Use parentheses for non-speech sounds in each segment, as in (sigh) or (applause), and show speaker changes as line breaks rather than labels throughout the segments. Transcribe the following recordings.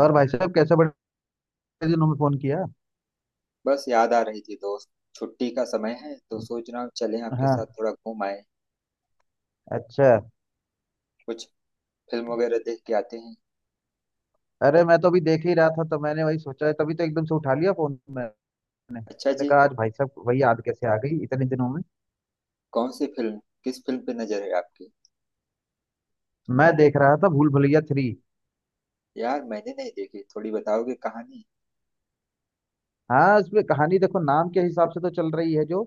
और भाई साहब, कैसे बड़े दिनों में फोन किया।
बस याद आ रही थी दोस्त। छुट्टी का समय है तो सोच रहा हूँ चलें आपके
हाँ।
साथ थोड़ा घूम आए।
अच्छा।
कुछ फिल्म वगैरह देख के आते हैं।
अरे मैं तो अभी देख ही रहा था, तो मैंने वही सोचा, तभी तो एकदम से उठा लिया फोन मैंने।
अच्छा
मैंने
जी।
कहा आज भाई साहब वही याद कैसे आ गई इतने दिनों में।
कौन सी फिल्म, किस फिल्म पे नजर है आपकी?
मैं देख रहा था भूल भुलैया 3।
यार मैंने नहीं देखी, थोड़ी बताओगे कहानी?
हाँ, इसमें कहानी देखो नाम के हिसाब से तो चल रही है जो।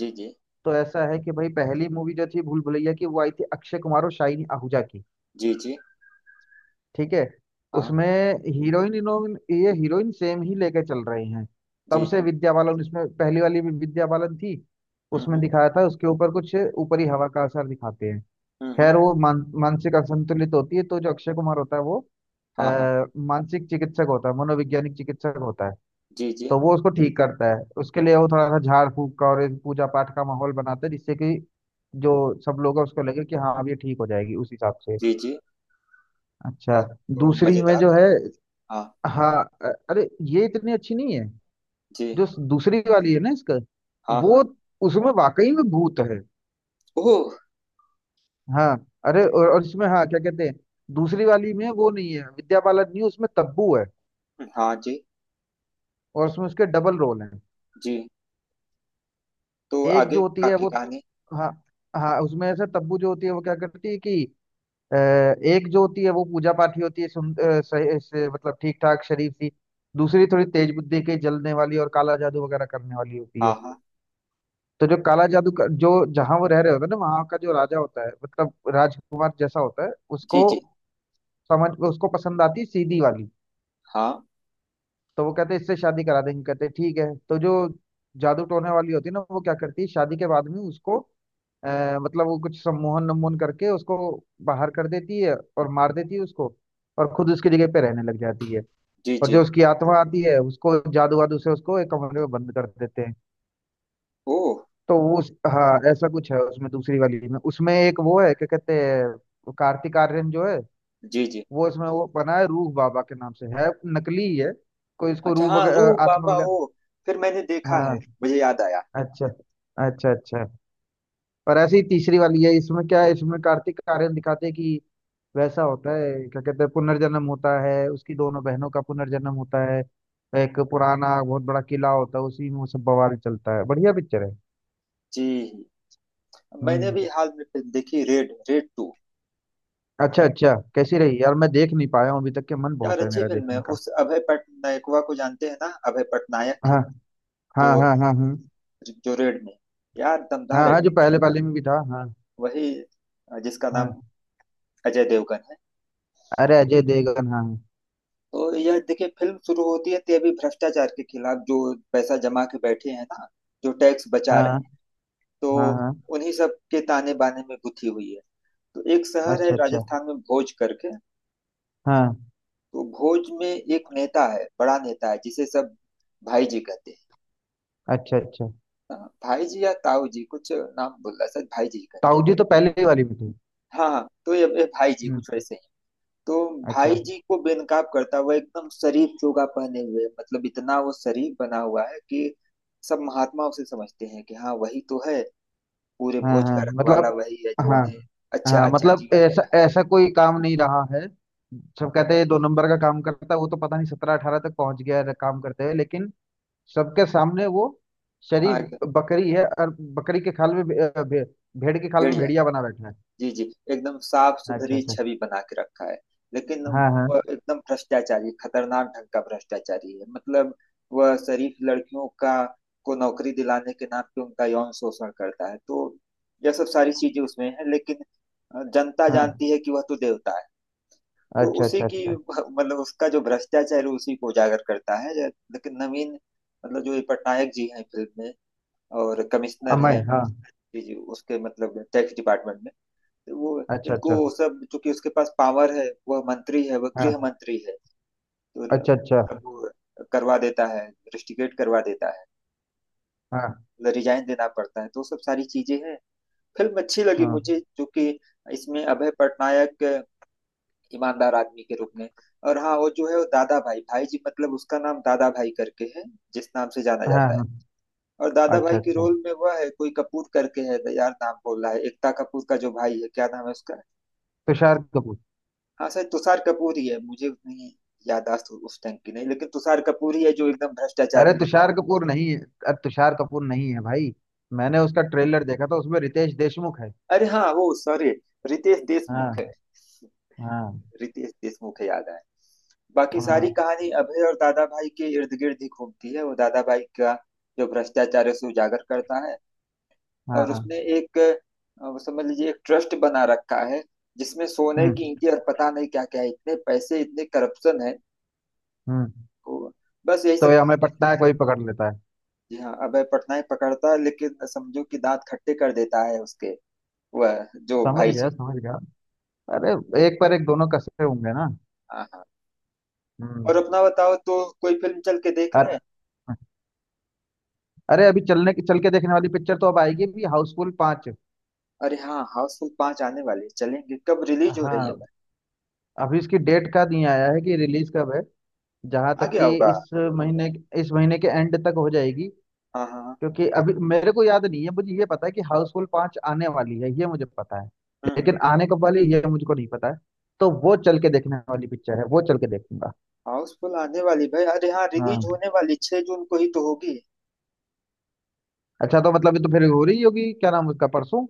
जी जी।
तो ऐसा है कि भाई, पहली मूवी जो थी भूल भुलैया की, वो आई थी अक्षय कुमार और शाहिनी आहूजा की।
जी जी।
ठीक है।
हाँ।
उसमें हीरोइन इनोइन, ये हीरोइन सेम ही लेके चल रही हैं। तब
जी
से
जी।
विद्या बालन, इसमें पहली वाली भी विद्या बालन थी। उसमें
हम्म।
दिखाया था उसके ऊपर कुछ ऊपरी हवा का असर दिखाते हैं।
हम्म।
खैर वो मानसिक असंतुलित होती है, तो जो अक्षय कुमार होता है वो
हाँ हाँ।
अ, मानसिक चिकित्सक होता है, मनोवैज्ञानिक चिकित्सक होता है।
जी जी।
तो वो उसको ठीक करता है, उसके लिए वो थोड़ा सा झाड़ फूक का और एक पूजा पाठ का माहौल बनाता है, जिससे कि जो सब लोग हैं उसको लगे कि हाँ अब ये ठीक हो जाएगी, उस हिसाब से।
जी जी।
अच्छा।
यार तो
दूसरी में जो है,
हाँ
हाँ अरे ये इतनी अच्छी नहीं है।
जी।
जो दूसरी वाली है ना इसका
हाँ हाँ।
वो, उसमें वाकई में भूत है।
ओह।
हाँ। अरे और इसमें हाँ क्या कहते हैं, दूसरी वाली में वो नहीं है विद्या बालन, नहीं उसमें तब्बू है।
हाँ। जी
और उसमें उसके डबल रोल हैं।
जी। तो
एक
आगे
जो होती
का
है
की
वो,
कहानी?
हाँ, हाँ उसमें ऐसा, तब्बू जो होती है वो क्या करती है कि एक जो होती है वो पूजा पाठी होती है, सुन सही से, मतलब ठीक ठाक शरीफ सी। दूसरी थोड़ी तेज बुद्धि की, जलने वाली और काला जादू वगैरह करने वाली होती
हाँ
है।
हाँ।
तो जो काला जादू का जो, जहां वो रह रहे होते हैं ना, वहां का जो राजा होता है, मतलब राजकुमार जैसा होता है,
जी
उसको
जी।
समझ, उसको पसंद आती है सीधी वाली।
हाँ।
तो वो कहते हैं इससे शादी करा देंगे, कहते हैं ठीक है, तो जो जादू टोने वाली होती है ना, वो क्या करती है शादी के बाद में उसको मतलब वो कुछ सम्मोहन नमोहन करके उसको बाहर कर देती है और मार देती है उसको, और खुद उसकी जगह पे रहने लग जाती है।
जी
और
जी।
जो उसकी आत्मा आती है उसको जादू वादू से उसको एक कमरे में बंद कर देते हैं।
ओह।
तो वो उस, हाँ ऐसा कुछ है उसमें दूसरी वाली में। उसमें एक वो है, क्या कहते हैं वो कार्तिक आर्यन जो है,
जी जी।
वो इसमें वो बना है रूह बाबा के नाम से है। नकली ही है, कोई इसको
अच्छा,
रूह
हाँ, रूह
वगैरह आत्मा
बाबा
वगैरह।
वो। फिर मैंने देखा है।
हाँ।
मुझे याद आया।
अच्छा अच्छा अच्छा। और ऐसी ही तीसरी वाली है, इसमें क्या है, इसमें कार्तिक आर्यन दिखाते हैं कि वैसा होता है, क्या कहते हैं, पुनर्जन्म होता है, उसकी दोनों बहनों का पुनर्जन्म होता है। एक पुराना बहुत बड़ा किला होता है, उसी में वो सब बवाल चलता है। बढ़िया पिक्चर है।
जी। मैंने
हम्म।
भी हाल में फिल्म देखी रेड, रेड 2।
अच्छा अच्छा, कैसी रही यार? मैं देख नहीं पाया हूँ अभी तक के, मन
यार
बहुत है
अच्छी
मेरा
फिल्म है।
देखने का।
उस अभय पटनायकवा को जानते हैं ना, अभय पटनायक
हाँ हाँ
जो।
हाँ हाँ। हाँ
जो रेड में, यार, दमदार
हाँ हाँ जो
एक्टिंग कर
पहले
रहा है।
वाले में भी था, हाँ।
वही जिसका नाम
हाँ।
अजय देवगन है।
अरे अजय देवगन, हाँ।
तो यह देखिए फिल्म शुरू होती है तभी भ्रष्टाचार के खिलाफ, जो पैसा जमा के बैठे हैं ना, जो टैक्स बचा रहे हैं,
हाँ
तो
हाँ हाँ
उन्हीं सब के ताने बाने में गुथी हुई है। तो एक शहर है
अच्छा अच्छा।
राजस्थान में, भोज करके।
हाँ।
तो भोज में एक नेता है, बड़ा नेता है, जिसे सब भाई जी कहते हैं।
अच्छा अच्छा।
हाँ, भाई जी या ताऊ जी कुछ नाम बोल रहा, सर भाई जी ही कहते
ताऊ
हैं।
जी तो पहले ही वाली में थे।
हाँ हाँ, तो ये भाई जी कुछ
हम्म।
वैसे ही। तो भाई
अच्छा।
जी को बेनकाब करता हुआ, एकदम शरीफ चोगा पहने हुए, मतलब इतना वो शरीफ बना हुआ है कि सब महात्मा उसे समझते हैं कि हाँ वही तो है, पूरे
हाँ
भोज का
हाँ,
रखवाला
मतलब,
वही है जो
हाँ
उन्हें अच्छा
हाँ,
अच्छा
मतलब
जीवन दे
ऐसा
रहा
ऐसा कोई काम नहीं रहा है। सब कहते हैं ये दो
है।
नंबर का काम करता है, वो तो पता नहीं 17-18 तक पहुंच गया है काम करते हुए, लेकिन सबके सामने वो
हाँ
शरीफ
एकदम।
बकरी है। और बकरी के खाल में भेड़ के खाल में
भेड़िया।
भेड़िया बना बैठा है।
जी जी। एकदम साफ
अच्छा
सुथरी
अच्छा।
छवि बना के रखा है। लेकिन
हाँ हाँ
वह एकदम भ्रष्टाचारी, खतरनाक ढंग का भ्रष्टाचारी है। मतलब वह शरीफ लड़कियों का, को नौकरी दिलाने के नाम पे उनका यौन शोषण करता है। तो यह सब सारी चीजें उसमें है। लेकिन जनता
हाँ।
जानती है कि वह तो देवता है। तो
अच्छा
उसी
अच्छा
की
अच्छा।
(laughs) मतलब उसका जो भ्रष्टाचार है उसी को उजागर करता है लेकिन नवीन, मतलब जो ये पटनायक जी हैं फिल्म में, और कमिश्नर
अमय,
हैं।
हाँ।
जी जी, उसके मतलब टैक्स डिपार्टमेंट में वो।
अच्छा
इनको
अच्छा।
सब, चूंकि उसके पास पावर है, वह मंत्री है, वह गृह
हाँ।
मंत्री है, तो
अच्छा अच्छा।
मतलब वो करवा देता है, रिस्ट्रिकेट करवा देता है।
हाँ
मतलब रिजाइन देना पड़ता है, तो सब सारी चीजें हैं। फिल्म अच्छी लगी
हाँ
मुझे, चूंकि इसमें अभय पटनायक ईमानदार आदमी के रूप में। और हाँ, वो जो है वो दादा भाई, भाई जी, मतलब उसका नाम दादा भाई करके है, जिस नाम से जाना
हाँ
जाता है।
हाँ।
और दादा
अच्छा
भाई के
अच्छा।
रोल में वह है कोई कपूर करके है। तो यार नाम बोल रहा है, एकता कपूर का जो भाई है, क्या नाम है उसका?
तुषार कपूर।
हाँ सर, तुषार कपूर ही है। मुझे उतनी याददाश्त उस टाइम की नहीं, लेकिन तुषार कपूर ही है जो एकदम भ्रष्टाचार
अरे
में।
तुषार कपूर नहीं है। अरे तुषार कपूर नहीं है भाई। मैंने उसका ट्रेलर देखा था, उसमें रितेश देशमुख है।
अरे हाँ, वो सॉरी, रितेश देशमुख
हाँ
है।
हाँ
रितेश देशमुख है, याद आया। बाकी सारी
हाँ
कहानी अभय और दादा भाई के इर्द गिर्द ही घूमती है। वो दादा भाई का जो भ्रष्टाचार है उसे उजागर करता है। और उसने
हाँ।
एक वो समझ लीजिए एक ट्रस्ट बना रखा है, जिसमें सोने
हम्म
की ईंटें और पता नहीं क्या क्या है, इतने पैसे, इतने करप्शन है।
हम्म।
तो बस यही
तो
सब।
ये हमें पटना है कोई पकड़ लेता है।
जी हाँ, अभय पटनायक पकड़ता है, लेकिन समझो कि दांत खट्टे कर देता है उसके, वह जो
समझ
भाई
गया
जी।
समझ गया। अरे एक पर एक दोनों कसे होंगे ना।
हाँ हाँ।
हम्म।
और अपना बताओ तो, कोई फिल्म चल के देख
अर,
लें।
अरे अभी चलने की, चल के देखने वाली पिक्चर तो अब आएगी भी, हाउसफुल 5।
अरे हाँ, हाउसफुल 5 आने वाली है, चलेंगे, कब रिलीज हो रही है?
हाँ। अभी इसकी डेट का नहीं आया है कि रिलीज कब है। जहां
भाई? आ
तक
गया
कि
होगा।
इस महीने, इस महीने के एंड तक हो जाएगी।
हाँ हाँ।
क्योंकि अभी मेरे को याद नहीं है, मुझे ये पता है कि हाउसफुल 5 आने वाली है, ये मुझे पता है।
हम्म।
लेकिन आने कब वाली है, ये मुझको नहीं पता है। तो वो चल के देखने वाली पिक्चर है, वो चल के देखूंगा।
हाउसफुल आने वाली, भाई अरे हाँ, रिलीज
हाँ
होने वाली 6 जून को ही तो होगी।
अच्छा, तो मतलब ये तो फिर हो रही होगी, क्या नाम उसका, परसों।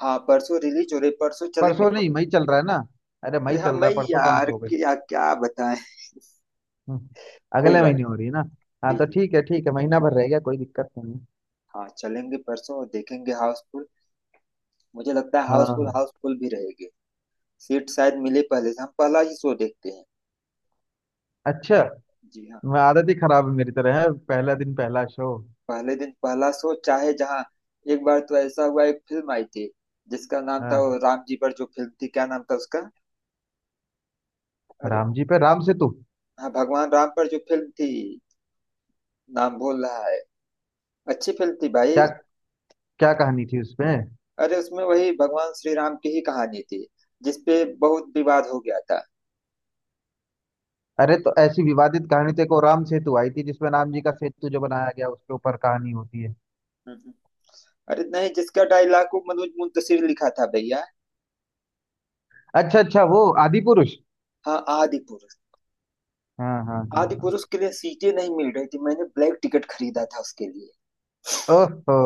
हाँ परसों रिलीज हो रही, परसों चलेंगे।
परसों नहीं, मई चल रहा है ना। अरे मई
अरे हाँ,
चल रहा
मैं
है, परसों कहाँ
यार
से हो गई।
क्या क्या बताएं।
हम्म,
कोई
अगले
बात
महीने हो रही है ना। हाँ
नहीं। जी
तो
जी।
ठीक है ठीक है, महीना भर रह गया, कोई दिक्कत नहीं है।
हाँ चलेंगे परसों और देखेंगे हाउसफुल। मुझे लगता है हाउसफुल,
हाँ।
हाउसफुल भी रहेगी। सीट शायद मिले, पहले से हम पहला ही शो देखते हैं।
अच्छा।
जी हाँ।
मैं आदत ही खराब है मेरी, तरह है पहला दिन पहला शो।
पहले दिन पहला शो, चाहे जहाँ। एक बार तो ऐसा हुआ, एक फिल्म आई थी जिसका नाम था,
हाँ।
वो राम जी पर जो फिल्म थी, क्या नाम था उसका? अरे,
राम जी पे राम सेतु?
हाँ भगवान राम पर जो फिल्म थी, नाम भूल रहा है। अच्छी फिल्म थी भाई।
क्या? क्या कहानी थी उसमें?
अरे उसमें वही भगवान श्री राम की ही कहानी थी, जिसपे बहुत विवाद हो गया था।
अरे तो ऐसी विवादित कहानी थी को, राम सेतु आई थी जिसमें राम जी का सेतु जो बनाया गया उसके ऊपर कहानी होती है।
हम्म, हम्म। अरे नहीं, जिसका डायलॉग को मनोज मुंतशिर लिखा था भैया।
अच्छा अच्छा, वो आदि पुरुष।
हाँ आदि पुरुष।
हाँ हाँ हाँ
आदि
हाँ।
पुरुष के लिए सीटें नहीं मिल रही थी, मैंने ब्लैक टिकट खरीदा था उसके लिए।
ओहो।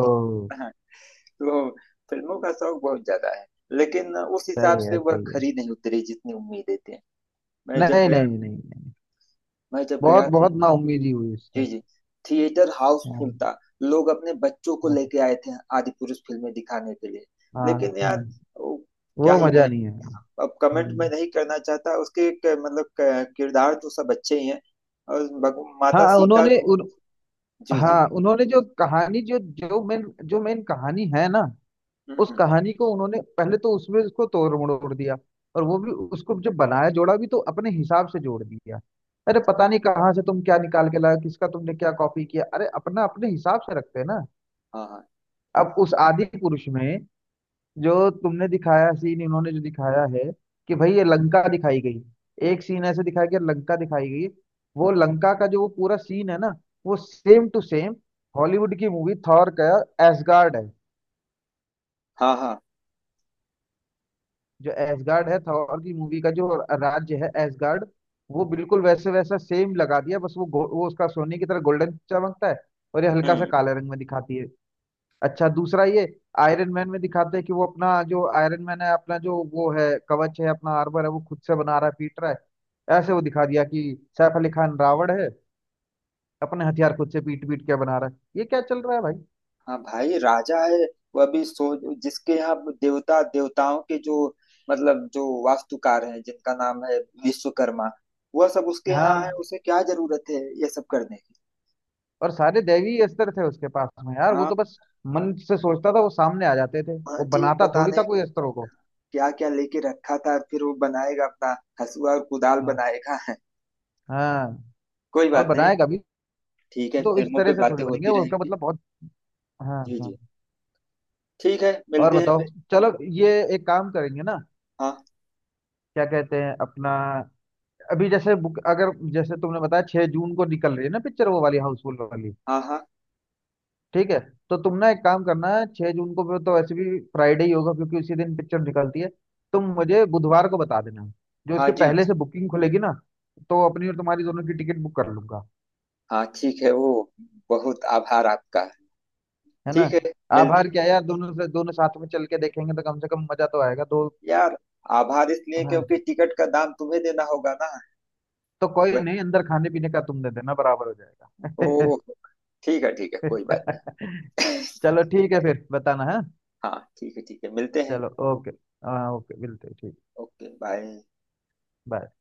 तो फिल्मों का शौक बहुत ज्यादा है। लेकिन उस हिसाब
सही
से
है
वह
सही है।
खरी नहीं उतरी जितनी उम्मीदें थी। मैं जब
नहीं
गया।
नहीं नहीं नहीं।
मैं जब
बहुत
गया थी।
बहुत नाउम्मीदी हुई
जी
इससे।
जी। थिएटर हाउसफुल
हाँ
था। लोग अपने बच्चों को
हाँ
लेके आए थे आदि पुरुष फिल्में दिखाने के लिए।
हाँ
लेकिन
हाँ,
यार, वो, क्या
वो
ही
मजा
कहें।
नहीं है।
अब कमेंट मैं
हम्म।
नहीं करना चाहता उसके मतलब किरदार तो सब अच्छे ही हैं। और माता
हाँ
सीता
उन्होंने
को।
उन,
जी जी।
हाँ उन्होंने जो कहानी जो जो मेन जो मेन कहानी है ना, उस
हम्म।
कहानी को उन्होंने पहले तो उसमें उसको तोड़ मरोड़ दिया। और वो भी उसको जब बनाया, जोड़ा भी तो अपने हिसाब से जोड़ दिया। अरे पता नहीं कहाँ से तुम क्या निकाल के लाया, किसका तुमने क्या कॉपी किया, अरे अपना अपने हिसाब से रखते हैं ना।
हाँ हाँ
अब उस आदि पुरुष में जो तुमने दिखाया सीन, इन्होंने जो दिखाया है कि भाई ये लंका दिखाई गई, एक सीन ऐसे दिखाया गया, लंका दिखाई गई। वो लंका का जो वो पूरा सीन है ना, वो सेम टू सेम हॉलीवुड की मूवी थॉर का एसगार्ड है।
हाँ हाँ।
जो एसगार्ड है थॉर की मूवी का, जो राज्य है एसगार्ड, वो बिल्कुल वैसे वैसा सेम लगा दिया। बस वो वो उसका सोने की तरह गोल्डन चमकता है, और ये हल्का सा
हम्म।
काले रंग में दिखाती है। अच्छा, दूसरा ये, आयरन मैन में दिखाते हैं कि वो अपना जो आयरन मैन है, अपना जो वो है कवच है, अपना आर्मर है, वो खुद से बना रहा है, पीट रहा है, ऐसे वो दिखा दिया कि सैफ अली खान रावण है अपने हथियार खुद से पीट पीट के बना रहा है। ये क्या चल रहा है भाई।
हाँ भाई राजा है। वह भी, सो जिसके यहाँ देवता, देवताओं के जो, मतलब जो वास्तुकार हैं जिनका नाम है विश्वकर्मा, वह सब उसके यहाँ
हाँ,
है, उसे क्या जरूरत है ये सब करने की।
और सारे दैवी अस्त्र थे उसके पास में यार, वो
हाँ
तो बस मन से सोचता था, वो सामने आ जाते थे,
हाँ।
वो
जी,
बनाता
पता
थोड़ी था
नहीं
कोई अस्त्रों को।
क्या क्या लेके रखा था, फिर वो बनाएगा अपना हसुआ और कुदाल
हाँ
बनाएगा (laughs)
हाँ।
कोई
और
बात नहीं।
बनाएगा भी
ठीक है,
तो इस
फिल्मों पे
तरह से
बातें
थोड़ी बनेंगे,
होती
वो उसका
रहेंगी।
मतलब बहुत। हाँ
जी
हाँ।
जी। ठीक है,
और
मिलते हैं फिर।
बताओ चलो, ये एक काम करेंगे ना,
हाँ
क्या कहते हैं अपना, अभी जैसे बुक, अगर जैसे तुमने बताया 6 जून को निकल रही है ना पिक्चर, वो वाली हाउसफुल वाली।
हाँ हाँ
ठीक है। तो तुम ना एक काम करना है, 6 जून को तो वैसे भी फ्राइडे ही होगा, क्योंकि उसी दिन पिक्चर निकलती है। तुम मुझे बुधवार को बता देना, जो
हाँ।
इसके
जी
पहले से बुकिंग खुलेगी ना, तो अपनी और तुम्हारी दोनों की टिकट बुक कर लूंगा।
हाँ, ठीक है वो। बहुत आभार आपका।
है ना।
ठीक है, मिलते
आभार
हैं।
क्या यार, दोनों से दोनों साथ में चल के देखेंगे तो कम से कम मजा तो आएगा दो।
यार, आभार इसलिए
हाँ,
क्योंकि टिकट का दाम तुम्हें देना होगा ना।
तो कोई
वह,
नहीं, अंदर खाने पीने का तुम दे देना, बराबर हो जाएगा।
ओ, ठीक है ठीक है, कोई बात
(laughs)
नहीं।
चलो ठीक है, फिर बताना है।
(laughs) हाँ ठीक है ठीक है, मिलते हैं।
चलो ओके। हाँ ओके मिलते हैं, ठीक।
Okay bye.
बाय।